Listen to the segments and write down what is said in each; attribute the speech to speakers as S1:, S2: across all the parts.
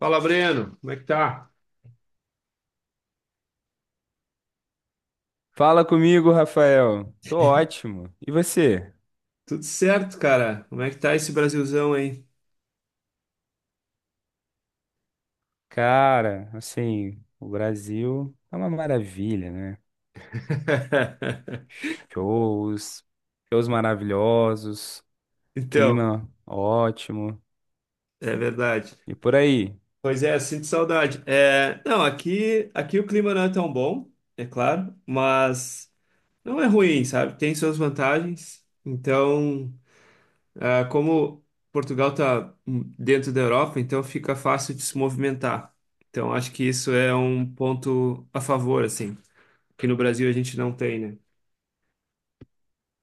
S1: Fala, Breno, como é que tá?
S2: Fala comigo, Rafael. Tô ótimo. E você?
S1: Tudo certo, cara. Como é que tá esse Brasilzão aí?
S2: Cara, assim, o Brasil é uma maravilha, né? Shows, shows maravilhosos,
S1: Então.
S2: clima ótimo.
S1: É verdade.
S2: E por aí?
S1: Pois é, sinto saudade. É, não, aqui o clima não é tão bom, é claro, mas não é ruim, sabe? Tem suas vantagens. Então, como Portugal tá dentro da Europa, então fica fácil de se movimentar. Então, acho que isso é um ponto a favor, assim, que no Brasil a gente não tem, né?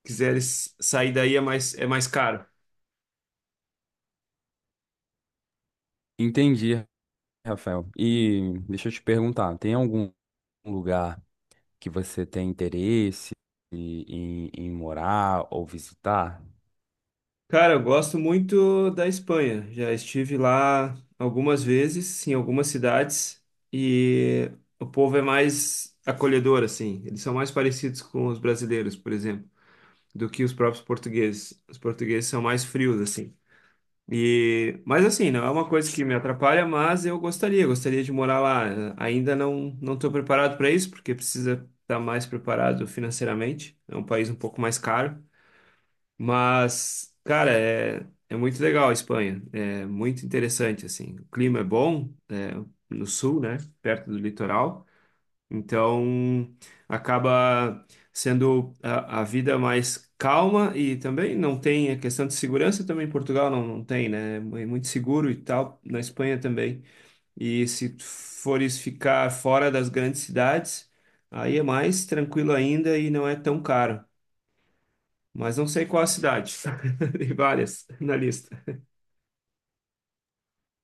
S1: Quiseres sair daí é mais, caro.
S2: Entendi, Rafael. E deixa eu te perguntar, tem algum lugar que você tem interesse em, em morar ou visitar?
S1: Cara, eu gosto muito da Espanha. Já estive lá algumas vezes, em algumas cidades, e o povo é mais acolhedor, assim. Eles são mais parecidos com os brasileiros, por exemplo, do que os próprios portugueses. Os portugueses são mais frios, assim. E, mas assim, não é uma coisa que me atrapalha, mas eu gostaria de morar lá. Ainda não estou preparado para isso, porque precisa estar mais preparado financeiramente. É um país um pouco mais caro. Mas, cara, é muito legal a Espanha. É muito interessante, assim. O clima é bom, é, no sul, né? Perto do litoral. Então, acaba sendo a vida mais calma e também não tem a questão de segurança. Também em Portugal não, não tem, né? É muito seguro e tal. Na Espanha também. E se tu fores ficar fora das grandes cidades, aí é mais tranquilo ainda e não é tão caro, mas não sei qual a cidade. Tem várias na lista.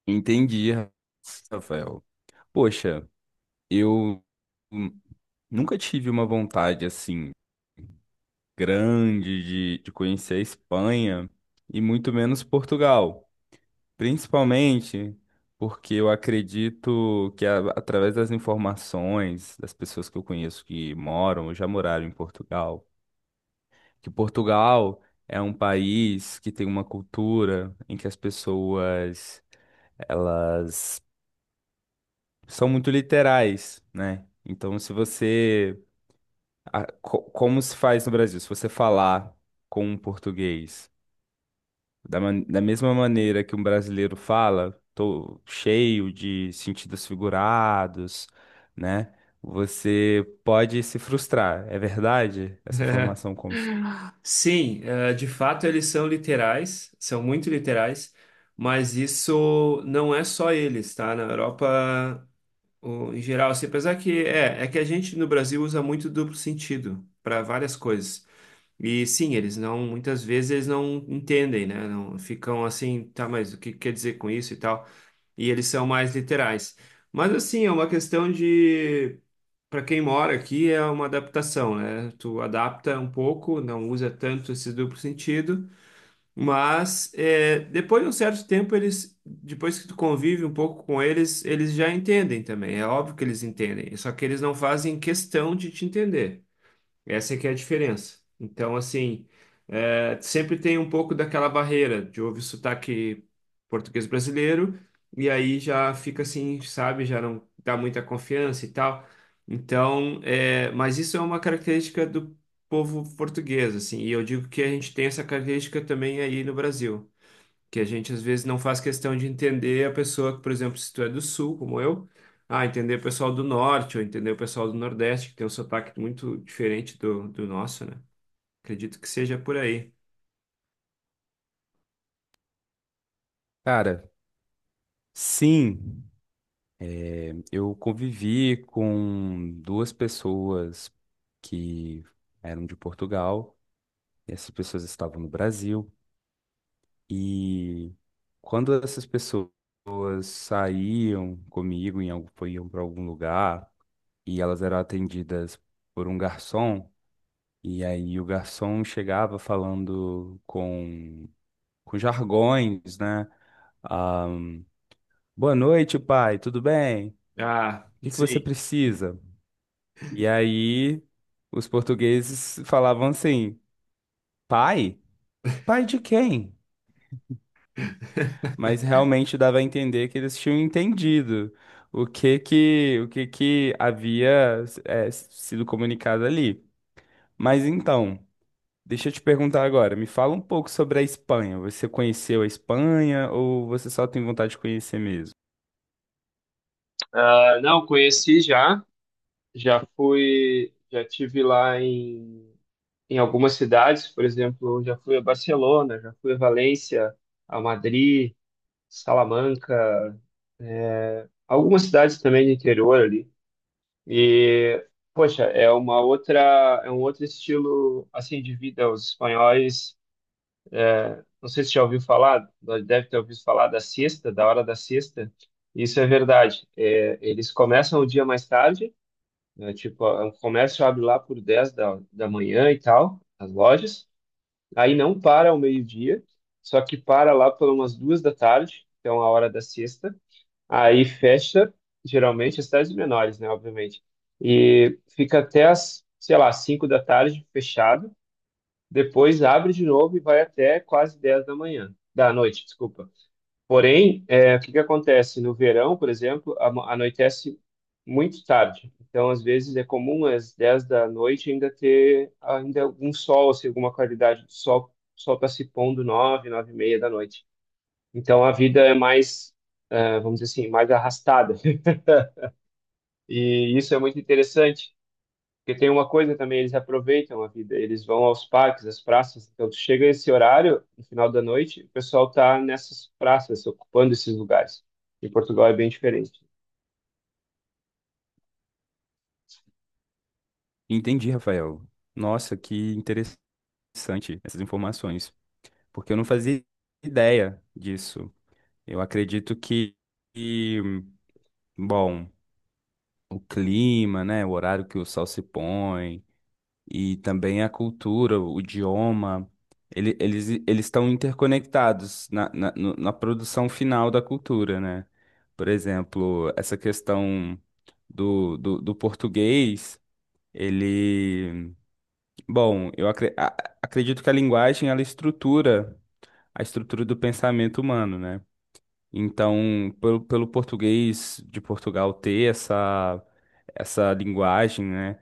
S2: Entendi, Rafael. Poxa. Eu hum, nunca tive uma vontade assim grande de conhecer a Espanha e muito menos Portugal, principalmente porque eu acredito que através das informações das pessoas que eu conheço que moram ou já moraram em Portugal, que Portugal é um país que tem uma cultura em que as pessoas elas são muito literais, né? Então, se você como se faz no Brasil? Se você falar com um português da mesma maneira que um brasileiro fala, tô cheio de sentidos figurados, né? Você pode se frustrar. É verdade essa
S1: É,
S2: informação como...
S1: sim, é, de fato eles são literais, são muito literais, mas isso não é só eles, tá? Na Europa, em geral, assim, apesar que é que a gente no Brasil usa muito duplo sentido para várias coisas. E sim, eles não, muitas vezes eles não entendem, né? Não ficam assim, tá, mas o que quer dizer com isso e tal? E eles são mais literais. Mas assim, é uma questão de, para quem mora aqui, é uma adaptação, né? Tu adapta um pouco, não usa tanto esse duplo sentido, mas é, depois de um certo tempo eles, depois que tu convive um pouco com eles, eles já entendem também. É óbvio que eles entendem, só que eles não fazem questão de te entender. Essa é que é a diferença. Então, assim, é, sempre tem um pouco daquela barreira de ouvir sotaque português brasileiro e aí já fica assim, sabe, já não dá muita confiança e tal. Então, é, mas isso é uma característica do povo português, assim, e eu digo que a gente tem essa característica também aí no Brasil, que a gente às vezes não faz questão de entender a pessoa. Que, por exemplo, se tu é do sul, como eu, entender o pessoal do norte ou entender o pessoal do nordeste, que tem um sotaque muito diferente do, nosso, né? Acredito que seja por aí.
S2: Cara, sim, é, eu convivi com duas pessoas que eram de Portugal, e essas pessoas estavam no Brasil, e quando essas pessoas saíam comigo, iam para algum lugar, e elas eram atendidas por um garçom, e aí o garçom chegava com jargões, né? Ah, boa noite, pai, tudo bem?
S1: Ah,
S2: O que que
S1: sim.
S2: você precisa? E aí os portugueses falavam assim, pai? Pai de quem? Mas realmente dava a entender que eles tinham entendido o que que havia sido comunicado ali. Mas então, deixa eu te perguntar agora, me fala um pouco sobre a Espanha. Você conheceu a Espanha ou você só tem vontade de conhecer mesmo?
S1: Ah, não, conheci já, já fui, já tive lá em algumas cidades, por exemplo, já fui a Barcelona, já fui a Valência, a Madrid, Salamanca, algumas cidades também do interior ali. E, poxa, é uma outra, é um outro estilo assim de vida. Os espanhóis, não sei se já ouviu falar, deve ter ouvido falar da siesta, da hora da siesta. Isso é verdade. É, eles começam o dia mais tarde, né, tipo, o comércio abre lá por 10 da manhã e tal, as lojas. Aí não para ao meio-dia, só que para lá por umas 2 da tarde, então a hora da siesta. Aí fecha, geralmente, as cidades menores, né, obviamente. E fica até as, sei lá, 5 da tarde fechado. Depois abre de novo e vai até quase 10 da manhã, da noite, desculpa. Porém, é, o que que acontece? No verão, por exemplo, anoitece muito tarde. Então, às vezes, é comum às 10 da noite ainda ter ainda algum sol, assim, alguma qualidade do sol. O sol está se pondo 9, 9h30 da noite. Então, a vida é mais, vamos dizer assim, mais arrastada. E isso é muito interessante, porque tem uma coisa também, eles aproveitam a vida, eles vão aos parques, às praças, então tu chega esse horário, no final da noite, o pessoal tá nessas praças, ocupando esses lugares. Em Portugal é bem diferente.
S2: Entendi, Rafael. Nossa, que interessante essas informações, porque eu não fazia ideia disso. Eu acredito que, bom, o clima, né, o horário que o sol se põe, e também a cultura, o idioma, eles estão interconectados na, na, no- na produção final da cultura, né? Por exemplo, essa questão do português, ele... Bom, acredito que a linguagem, ela estrutura a estrutura do pensamento humano, né? Então, pelo português de Portugal ter essa linguagem, né?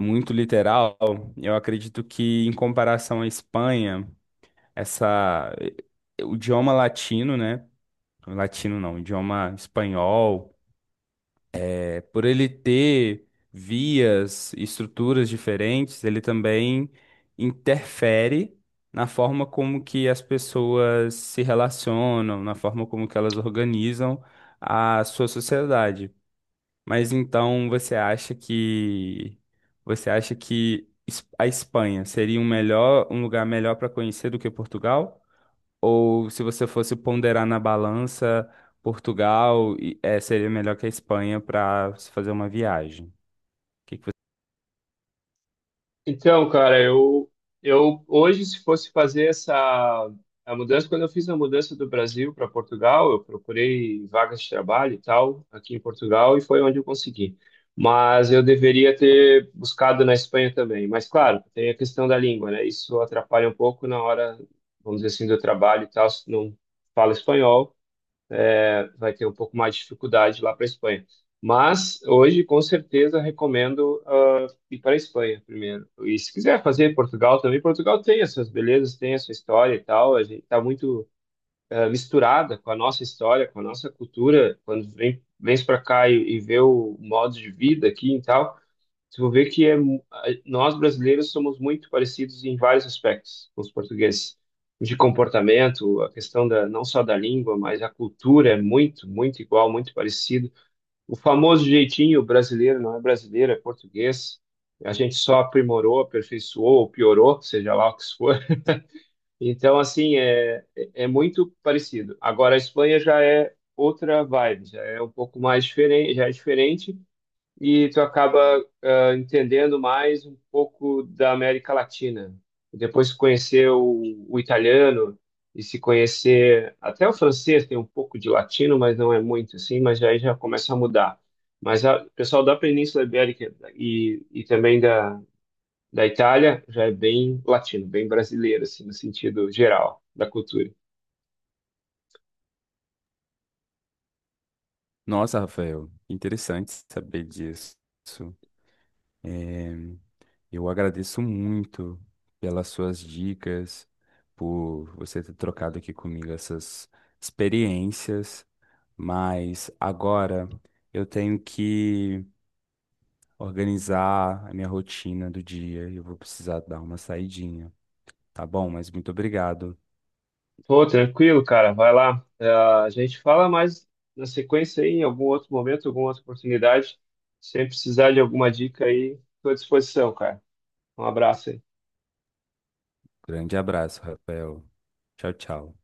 S2: Muito literal, eu acredito que em comparação à Espanha, essa... O idioma latino, né? Latino não, o idioma espanhol, é, por ele ter vias, e estruturas diferentes, ele também interfere na forma como que as pessoas se relacionam, na forma como que elas organizam a sua sociedade. Mas então você acha que a Espanha seria um melhor, um lugar melhor para conhecer do que Portugal? Ou se você fosse ponderar na balança, Portugal seria melhor que a Espanha para se fazer uma viagem? Que que vo-
S1: Então, cara, eu, hoje, se fosse fazer essa a mudança, quando eu fiz a mudança do Brasil para Portugal, eu procurei vagas de trabalho e tal aqui em Portugal e foi onde eu consegui. Mas eu deveria ter buscado na Espanha também. Mas, claro, tem a questão da língua, né? Isso atrapalha um pouco na hora, vamos dizer assim, do trabalho e tal, se não fala espanhol vai ter um pouco mais de dificuldade lá para a Espanha. Mas hoje, com certeza, recomendo ir para a Espanha primeiro. E se quiser fazer Portugal também, Portugal tem as suas belezas, tem a sua história e tal. A gente está muito misturada com a nossa história, com a nossa cultura. Quando vem, vem para cá e, vê o modo de vida aqui e tal, você vai ver que é, nós brasileiros somos muito parecidos em vários aspectos com os portugueses. De comportamento, a questão da, não só da língua, mas a cultura é muito, muito igual, muito parecido. O famoso jeitinho brasileiro não é brasileiro, é português. A gente só aprimorou, aperfeiçoou ou piorou, seja lá o que isso for. Então, assim, é muito parecido. Agora, a Espanha já é outra vibe, já é um pouco mais diferente, já é diferente e tu acaba entendendo mais um pouco da América Latina. Depois de conhecer o, italiano e se conhecer até o francês, tem um pouco de latino, mas não é muito assim, mas aí já começa a mudar. Mas o pessoal da Península Ibérica e também da Itália já é bem latino, bem brasileiro, assim, no sentido geral da cultura.
S2: Nossa, Rafael, interessante saber disso. É, eu agradeço muito pelas suas dicas, por você ter trocado aqui comigo essas experiências. Mas agora eu tenho que organizar a minha rotina do dia e eu vou precisar dar uma saidinha. Tá bom? Mas muito obrigado.
S1: Pô, tranquilo, cara, vai lá. A gente fala mais na sequência aí, em algum outro momento, alguma outra oportunidade. Sem precisar de alguma dica aí, estou à disposição, cara. Um abraço aí.
S2: Grande abraço, Rafael. Tchau, tchau.